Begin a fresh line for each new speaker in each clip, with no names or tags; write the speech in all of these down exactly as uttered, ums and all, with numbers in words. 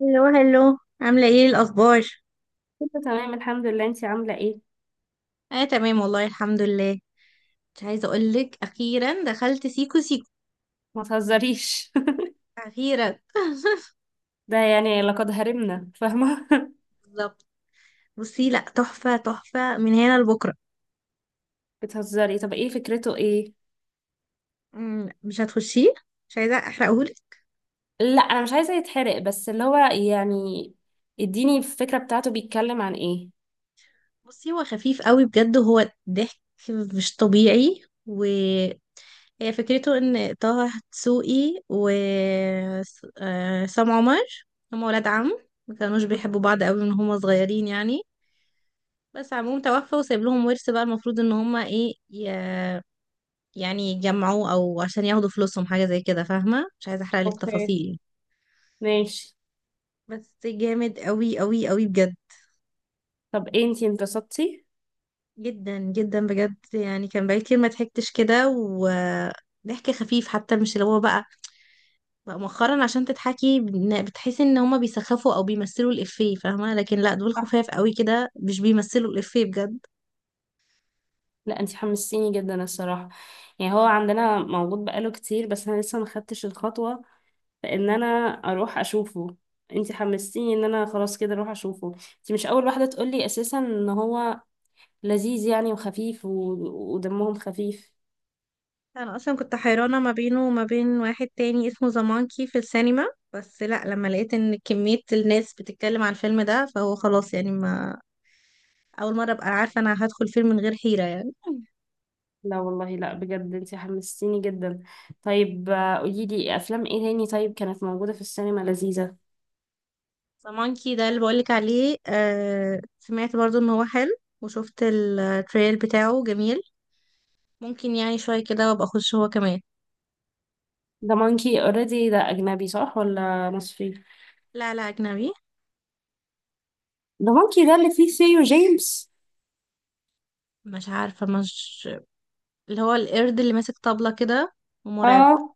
هلو هلو، عاملة ايه الأخبار؟
كله تمام، الحمد لله. انتي عاملة ايه؟
اه تمام، والله الحمد لله. مش عايزة أقولك، أخيرا دخلت سيكو سيكو
ما تهزريش.
أخيرا.
ده يعني لقد هرمنا، فاهمة؟
بالظبط. بصي، لأ تحفة تحفة من هنا لبكرة.
بتهزري. طب ايه فكرته؟ ايه؟
مم، مش هتخشيه، مش عايزة أحرقهولك.
لا انا مش عايزة يتحرق، بس اللي هو يعني اديني الفكرة بتاعته، بيتكلم عن ايه؟
بصي هو خفيف قوي بجد، هو ضحك مش طبيعي. وهي فكرته إن طه دسوقي و آه، سام عمر هما ولاد عم، ما كانوش بيحبوا بعض قوي من هما صغيرين يعني. بس عموم توفى وسايب لهم ورث، بقى المفروض ان هما ايه ي... يعني يجمعوه او عشان ياخدوا فلوسهم، حاجة زي كده. فاهمة، مش عايزة احرق لك
اوكي.
تفاصيل.
ماشي.
يعني بس جامد قوي قوي قوي بجد.
طب ايه، انتي انبسطتي؟
جدا جدا بجد، يعني كان بقالي كتير ما ضحكتش كده، وضحك خفيف حتى، مش اللي هو بقى بقى مؤخرا عشان تضحكي بن- بتحسي ان هما بيسخفوا او بيمثلوا الافيه، فاهمة؟ لكن لا، دول
صح.
خفاف قوي كده، مش بيمثلوا الافيه بجد.
لا انتي حمستيني جدا الصراحة. يعني هو عندنا موجود بقاله كتير، بس انا لسه ما خدتش الخطوة، فان انا اروح اشوفه. انتي حمستيني ان انا خلاص كده اروح اشوفه. انتي مش اول واحدة تقولي اساسا ان هو لذيذ يعني وخفيف و... ودمهم خفيف.
انا اصلا كنت حيرانه ما بينه وما بين واحد تاني اسمه زمانكي في السينما، بس لا، لما لقيت ان كميه الناس بتتكلم عن الفيلم ده فهو خلاص يعني. ما اول مره ابقى عارفه انا هدخل فيلم من غير حيره يعني.
لا والله، لا بجد انت حمستيني جدا. طيب، آه، قولي لي افلام ايه تاني طيب كانت موجودة في السينما لذيذة.
زمانكي ده اللي بقولك عليه، آه سمعت برضو ان هو حلو، وشفت التريل بتاعه جميل. ممكن يعني شويه كده وابقى اخش هو كمان.
ده مونكي اوريدي، ده اجنبي صح ولا مصري؟
لا لا، اجنبي.
ده مونكي ده اللي فيه سيو جيمس.
مش عارفه، مش اللي هو القرد اللي ماسك طبلة كده ومرعب؟
اه،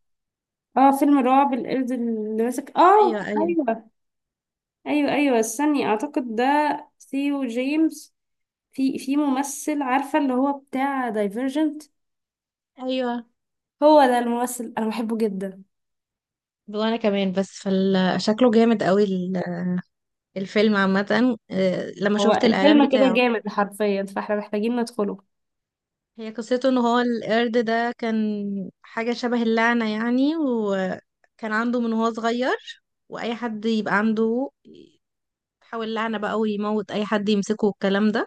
اه فيلم رعب، القرد اللي ماسك.
ايوه
اه،
ايوه
ايوه. ايوه ايوه، استني، اعتقد ده ثيو جيمس. في في ممثل، عارفة اللي هو بتاع دايفرجنت.
ايوه.
هو ده الممثل، انا بحبه جدا.
وانا كمان. بس فشكله جامد قوي. ال- الفيلم عامة، آه، لما
هو
شفت الإعلان
الفيلم كده
بتاعه.
جامد حرفيا، فاحنا محتاجين ندخله.
هي قصته ان هو القرد ده كان حاجة شبه اللعنة يعني، وكان عنده من وهو صغير، واي حد يبقى عنده يحاول لعنة بقى ويموت، اي حد يمسكه والكلام ده.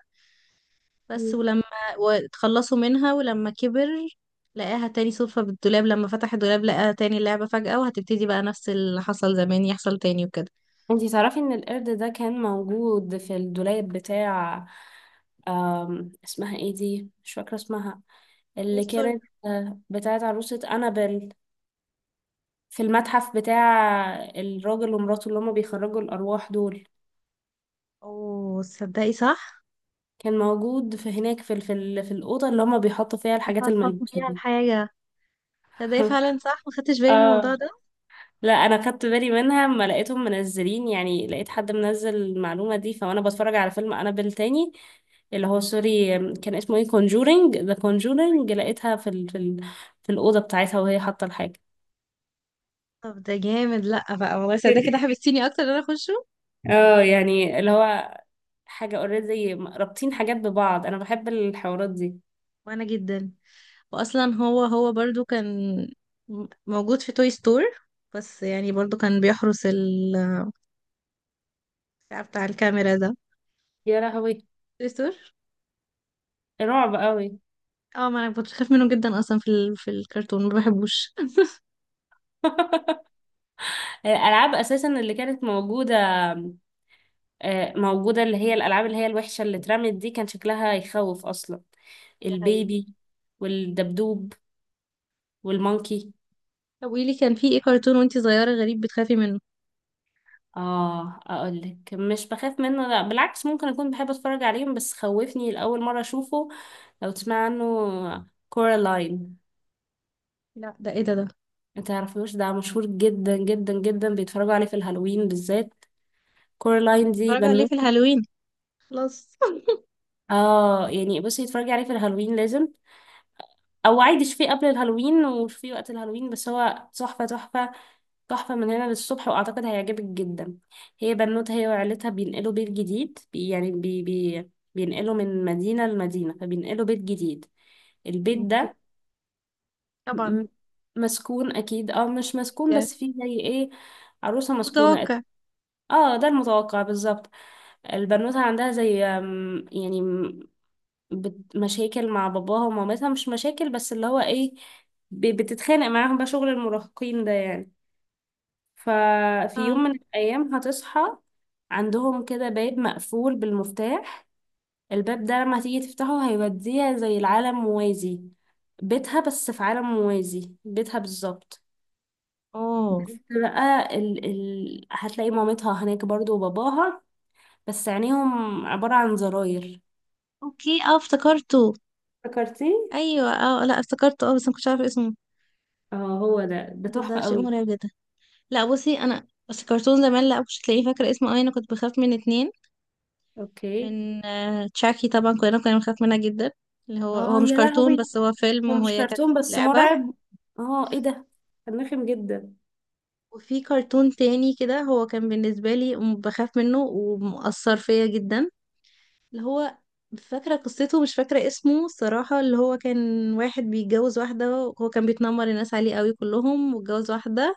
بس
مم.
ولما واتخلصوا منها، ولما كبر لقاها تاني صدفة بالدولاب. لما فتح الدولاب لقاها تاني، اللعبة فجأة، وهتبتدي بقى نفس اللي حصل زمان يحصل تاني وكده.
انتي تعرفي ان القرد ده كان موجود في الدولاب بتاع آم، اسمها ايه دي، مش فاكرة اسمها، اللي
ستوري.
كانت آه، بتاعت عروسة أنابل، في المتحف بتاع الراجل ومراته اللي هما بيخرجوا الأرواح دول؟
اوه تصدقي، صح.
كان موجود في هناك، في ال- في ال- في الأوضة اللي هما بيحطوا فيها الحاجات
فصلت
الملبوسة
فيها
دي.
الحاجة. تصدقي فعلا صح، ما خدتش بالي من الموضوع
اه،
ده.
لا انا خدت بالي منها اما لقيتهم منزلين، يعني لقيت حد منزل المعلومه دي، فانا بتفرج على فيلم انابيل تاني، اللي هو سوري، كان اسمه ايه، كونجورينج، ذا كونجورينج، لقيتها في ال... في ال... في الاوضه بتاعتها، وهي حاطه الحاجه.
طب ده جامد. لا بقى، والله صدق كده حبستيني اكتر ان انا اخشه.
اه يعني اللي هو حاجه اوريدي، رابطين حاجات ببعض. انا بحب الحوارات دي.
وانا جدا. واصلا هو هو برضو كان م- موجود في توي ستور، بس يعني برضو كان بيحرس ال بتاع بتاع الكاميرا ده،
يا لهوي،
توي ستور.
رعب قوي.
اه، ما انا كنت بخاف منه جدا اصلا. في ال... في الكرتون ما بحبوش.
الالعاب اساسا اللي كانت موجوده، آه، موجودة، اللي هي الألعاب اللي هي الوحشة اللي اترمت دي، كان شكلها يخوف أصلا.
ده حقيقي.
البيبي والدبدوب والمونكي.
طب قولي لي، كان في ايه كرتون وانتي صغيرة غريب بتخافي منه؟
اه اقولك، مش بخاف منه، لا بالعكس ممكن اكون بحب اتفرج عليهم، بس خوفني لاول مره اشوفه، لو تسمع عنه، كورالاين.
لا ده ايه، ده ده
ما تعرفوش؟ ده مشهور جدا جدا جدا، بيتفرجوا عليه في الهالوين بالذات.
طب ما
كورالاين دي
اتفرج عليه في
بنوتة.
الهالوين، خلاص.
اه يعني بصي، اتفرجي عليه في الهالوين لازم، او عادي شوفيه قبل الهالوين وشوفيه وقت الهالوين، بس هو تحفه تحفه، تحفة من هنا للصبح، وأعتقد هيعجبك جدا. هي بنوتة، هي وعيلتها بينقلوا بيت جديد، بي يعني بي بي بينقلوا من مدينة لمدينة، فبينقلوا بيت جديد. البيت
أوكي.
ده
طبعا،
م- مسكون أكيد، أو مش مسكون
يعني
بس فيه زي إيه، عروسة مسكونة.
متوقع.
اه ده المتوقع بالظبط. البنوتة عندها زي أم، يعني م- بت- مشاكل مع باباها ومامتها، مش مشاكل بس اللي هو إيه، ب- بتتخانق معاهم، بقى شغل المراهقين ده يعني. ففي
اه.
يوم من الأيام هتصحى، عندهم كده باب مقفول بالمفتاح. الباب ده لما تيجي تفتحه هيوديها زي العالم موازي، بيتها بس في عالم موازي، بيتها بالظبط.
اوه،
بس بقى ال... ال... هتلاقي مامتها هناك برضو وباباها، بس عينيهم عبارة عن زراير.
اوكي، اه افتكرته.
فكرتي؟
ايوه، اه لا افتكرته، اه بس ما كنتش عارفه اسمه.
اه، هو ده ده
ده،
تحفة
ده شيء
قوي.
مرعب جدا. لا بصي، انا بس كرتون زمان، لا مش هتلاقيه فاكره اسمه اي. انا كنت بخاف من اتنين،
اوكي.
من آه تشاكي طبعا، كلنا كنا بنخاف منها جدا، اللي هو هو
اه
مش
يا
كرتون،
لهوي،
بس هو
هو
فيلم،
مش
وهي كانت
كرتون بس
لعبه.
مرعب. اه، ايه ده؟ كان رخم جدا.
وفي كرتون تاني كده هو كان بالنسبه لي م- بخاف منه ومؤثر فيا جدا، اللي هو فاكرة قصته، مش فاكرة اسمه الصراحة. اللي هو كان واحد بيتجوز واحدة، هو كان بيتنمر الناس عليه قوي كلهم، واتجوز واحدة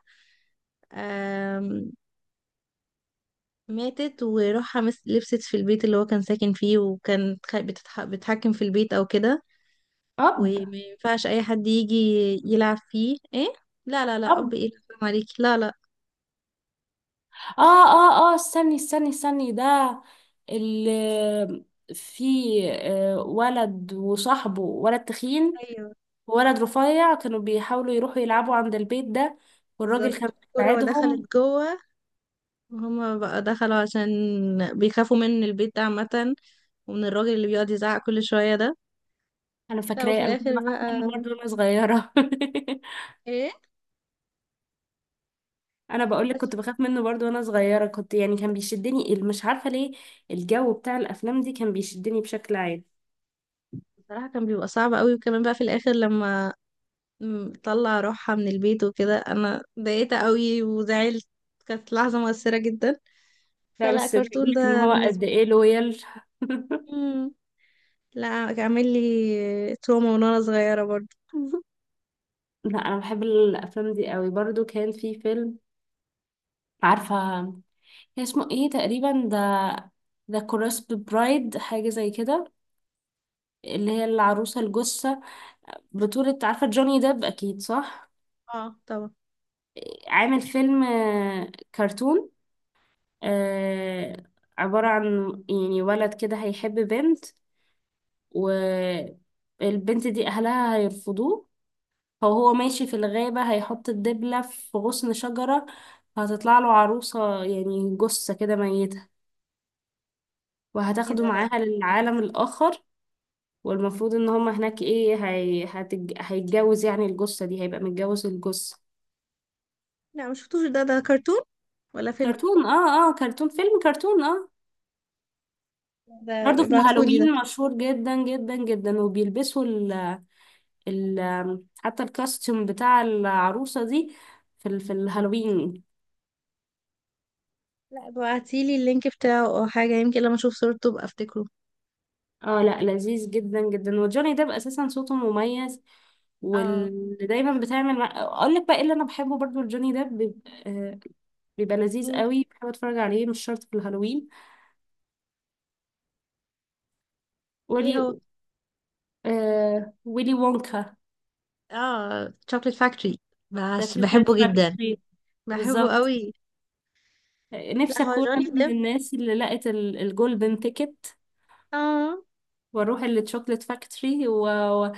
آم، ماتت، وراح مس- لبست في البيت اللي هو كان ساكن فيه، وكان خ- بتتح- بتحكم في البيت او كده،
اب.
وما ينفعش اي حد يجي يلعب فيه. ايه؟ لا لا لا،
اب.
اب ايه؟ فاهم عليكي، لا لا.
اه اه اه، استني استني استني، ده اللي في آه، ولد وصاحبه ولد تخين
ايوه
وولد رفيع كانوا بيحاولوا يروحوا يلعبوا عند البيت ده، والراجل كان
بالظبط، الكرة ودخلت
بيساعدهم.
جوه، وهما بقى دخلوا عشان بيخافوا من البيت ده عامة، ومن الراجل اللي بيقعد يزعق كل شوية ده.
انا
لا، وفي
فاكراه، انا كنت
الاخر
بخاف منه
بقى
برضه وانا صغيره.
ايه؟
انا بقول لك
بس
كنت بخاف منه برضه وانا صغيره، كنت يعني كان بيشدني، مش عارفه ليه. الجو بتاع الافلام دي كان بيشدني بشكل عام.
بصراحة كان بيبقى صعب قوي، وكمان بقى في الاخر لما م- طلع روحها من البيت وكده، انا ضايقت قوي وزعلت، كانت لحظة مؤثرة جدا.
لا
فلا
بس ده يقول
كرتون
لك ان
ده
هو قد
بالنسبة
ايه لويال.
لي. مم. لا كان عامل لي تروما من وانا صغيرة برضه.
لا انا بحب الافلام دي قوي برضو. كان في فيلم، عارفه، كان اسمه ايه تقريبا، ذا ذا كورسب برايد، حاجه زي كده، اللي هي العروسه الجثه، بطوله عارفه جوني ديب اكيد، صح.
اه طبعا.
عامل فيلم، آه، كرتون، آه، عباره عن يعني ولد كده هيحب بنت، والبنت دي اهلها هيرفضوه. فهو ماشي في الغابه، هيحط الدبله في غصن شجره، هتطلع له عروسة، يعني جثة كده ميتة،
ايه
وهتاخده
ده، لا.
معاها للعالم الآخر. والمفروض ان هما هناك ايه، هي... هتج... هيتجوز يعني الجثة دي، هيبقى متجوز الجثة.
لا ما شفتوش، ده ده كرتون ولا فيلم؟
كرتون، اه اه، كرتون، فيلم كرتون، اه.
ده
برضه في
ابعتهولي ده.
الهالوين مشهور جدا جدا جدا، وبيلبسوا ال ال حتى الكاستيوم بتاع العروسة دي في ال... في الهالوين.
لا ابعتيلي اللينك بتاعه او حاجة، يمكن لما اشوف صورته ابقى افتكره.
اه لا، لذيذ جدا جدا، وجوني ديب اساسا صوته مميز،
اه.
واللي دايما بتعمل مع، اقول لك بقى ايه اللي انا بحبه برضو لجوني ديب. بيبقى لذيذ
ايه؟
قوي، بحب اتفرج عليه مش شرط في الهالوين.
ايه
ويلي،
هو؟
آه ويلي وونكا.
اه، تشوكلت فاكتوري،
ذا
بس
شوكليت
بحبه جدا،
فاكتوري.
بحبه
بالظبط.
قوي. لا
نفسي
هو
اكون انا
جوني
من
ديب،
الناس اللي لقت ال- الجولدن تيكت،
اه.
واروح الشوكليت فاكتوري و... و-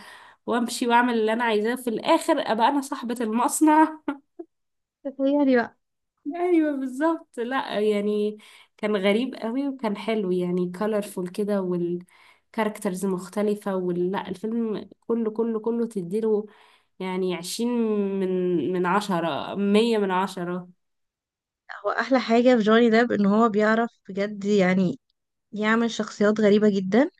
وامشي واعمل اللي انا عايزاه، في الاخر ابقى انا صاحبة المصنع.
تخيلي بقى.
ايوه بالظبط، لا يعني كان غريب قوي، وكان حلو، يعني colorful كده، والكاركترز مختلفة ولا الفيلم كله كله كله، تديله يعني عشرين من من عشرة، مية من عشرة.
هو احلى حاجه في جوني ديب ان هو بيعرف بجد يعني يعمل شخصيات غريبه جدا،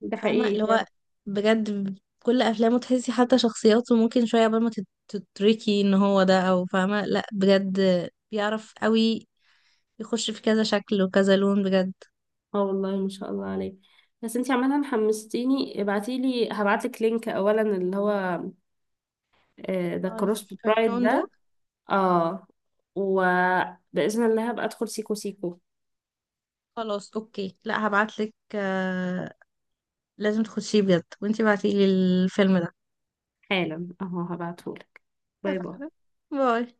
ده
فاهمه
حقيقي
اللي
فعلا.
هو بجد. كل افلامه تحسي حتى شخصياته، ممكن شويه قبل ما تت- تتركي ان هو ده او، فاهمه؟ لا بجد، بيعرف قوي يخش في كذا شكل وكذا لون بجد.
اه والله، ما شاء الله عليك. بس انتي عمالة حمستيني، ابعتيلي، هبعتلك لينك اولا، اللي هو ذا
آه،
كروس برايد
الكرتون ده.
ده. اه، وبإذن الله هبقى ادخل سيكو سيكو.
خلاص اوكي، لا هبعتلك، لازم تخشيه بجد وانتي بعتيلي الفيلم ده.
حالا اهو هبعتهولك. باي باي.
اتفقنا. باي.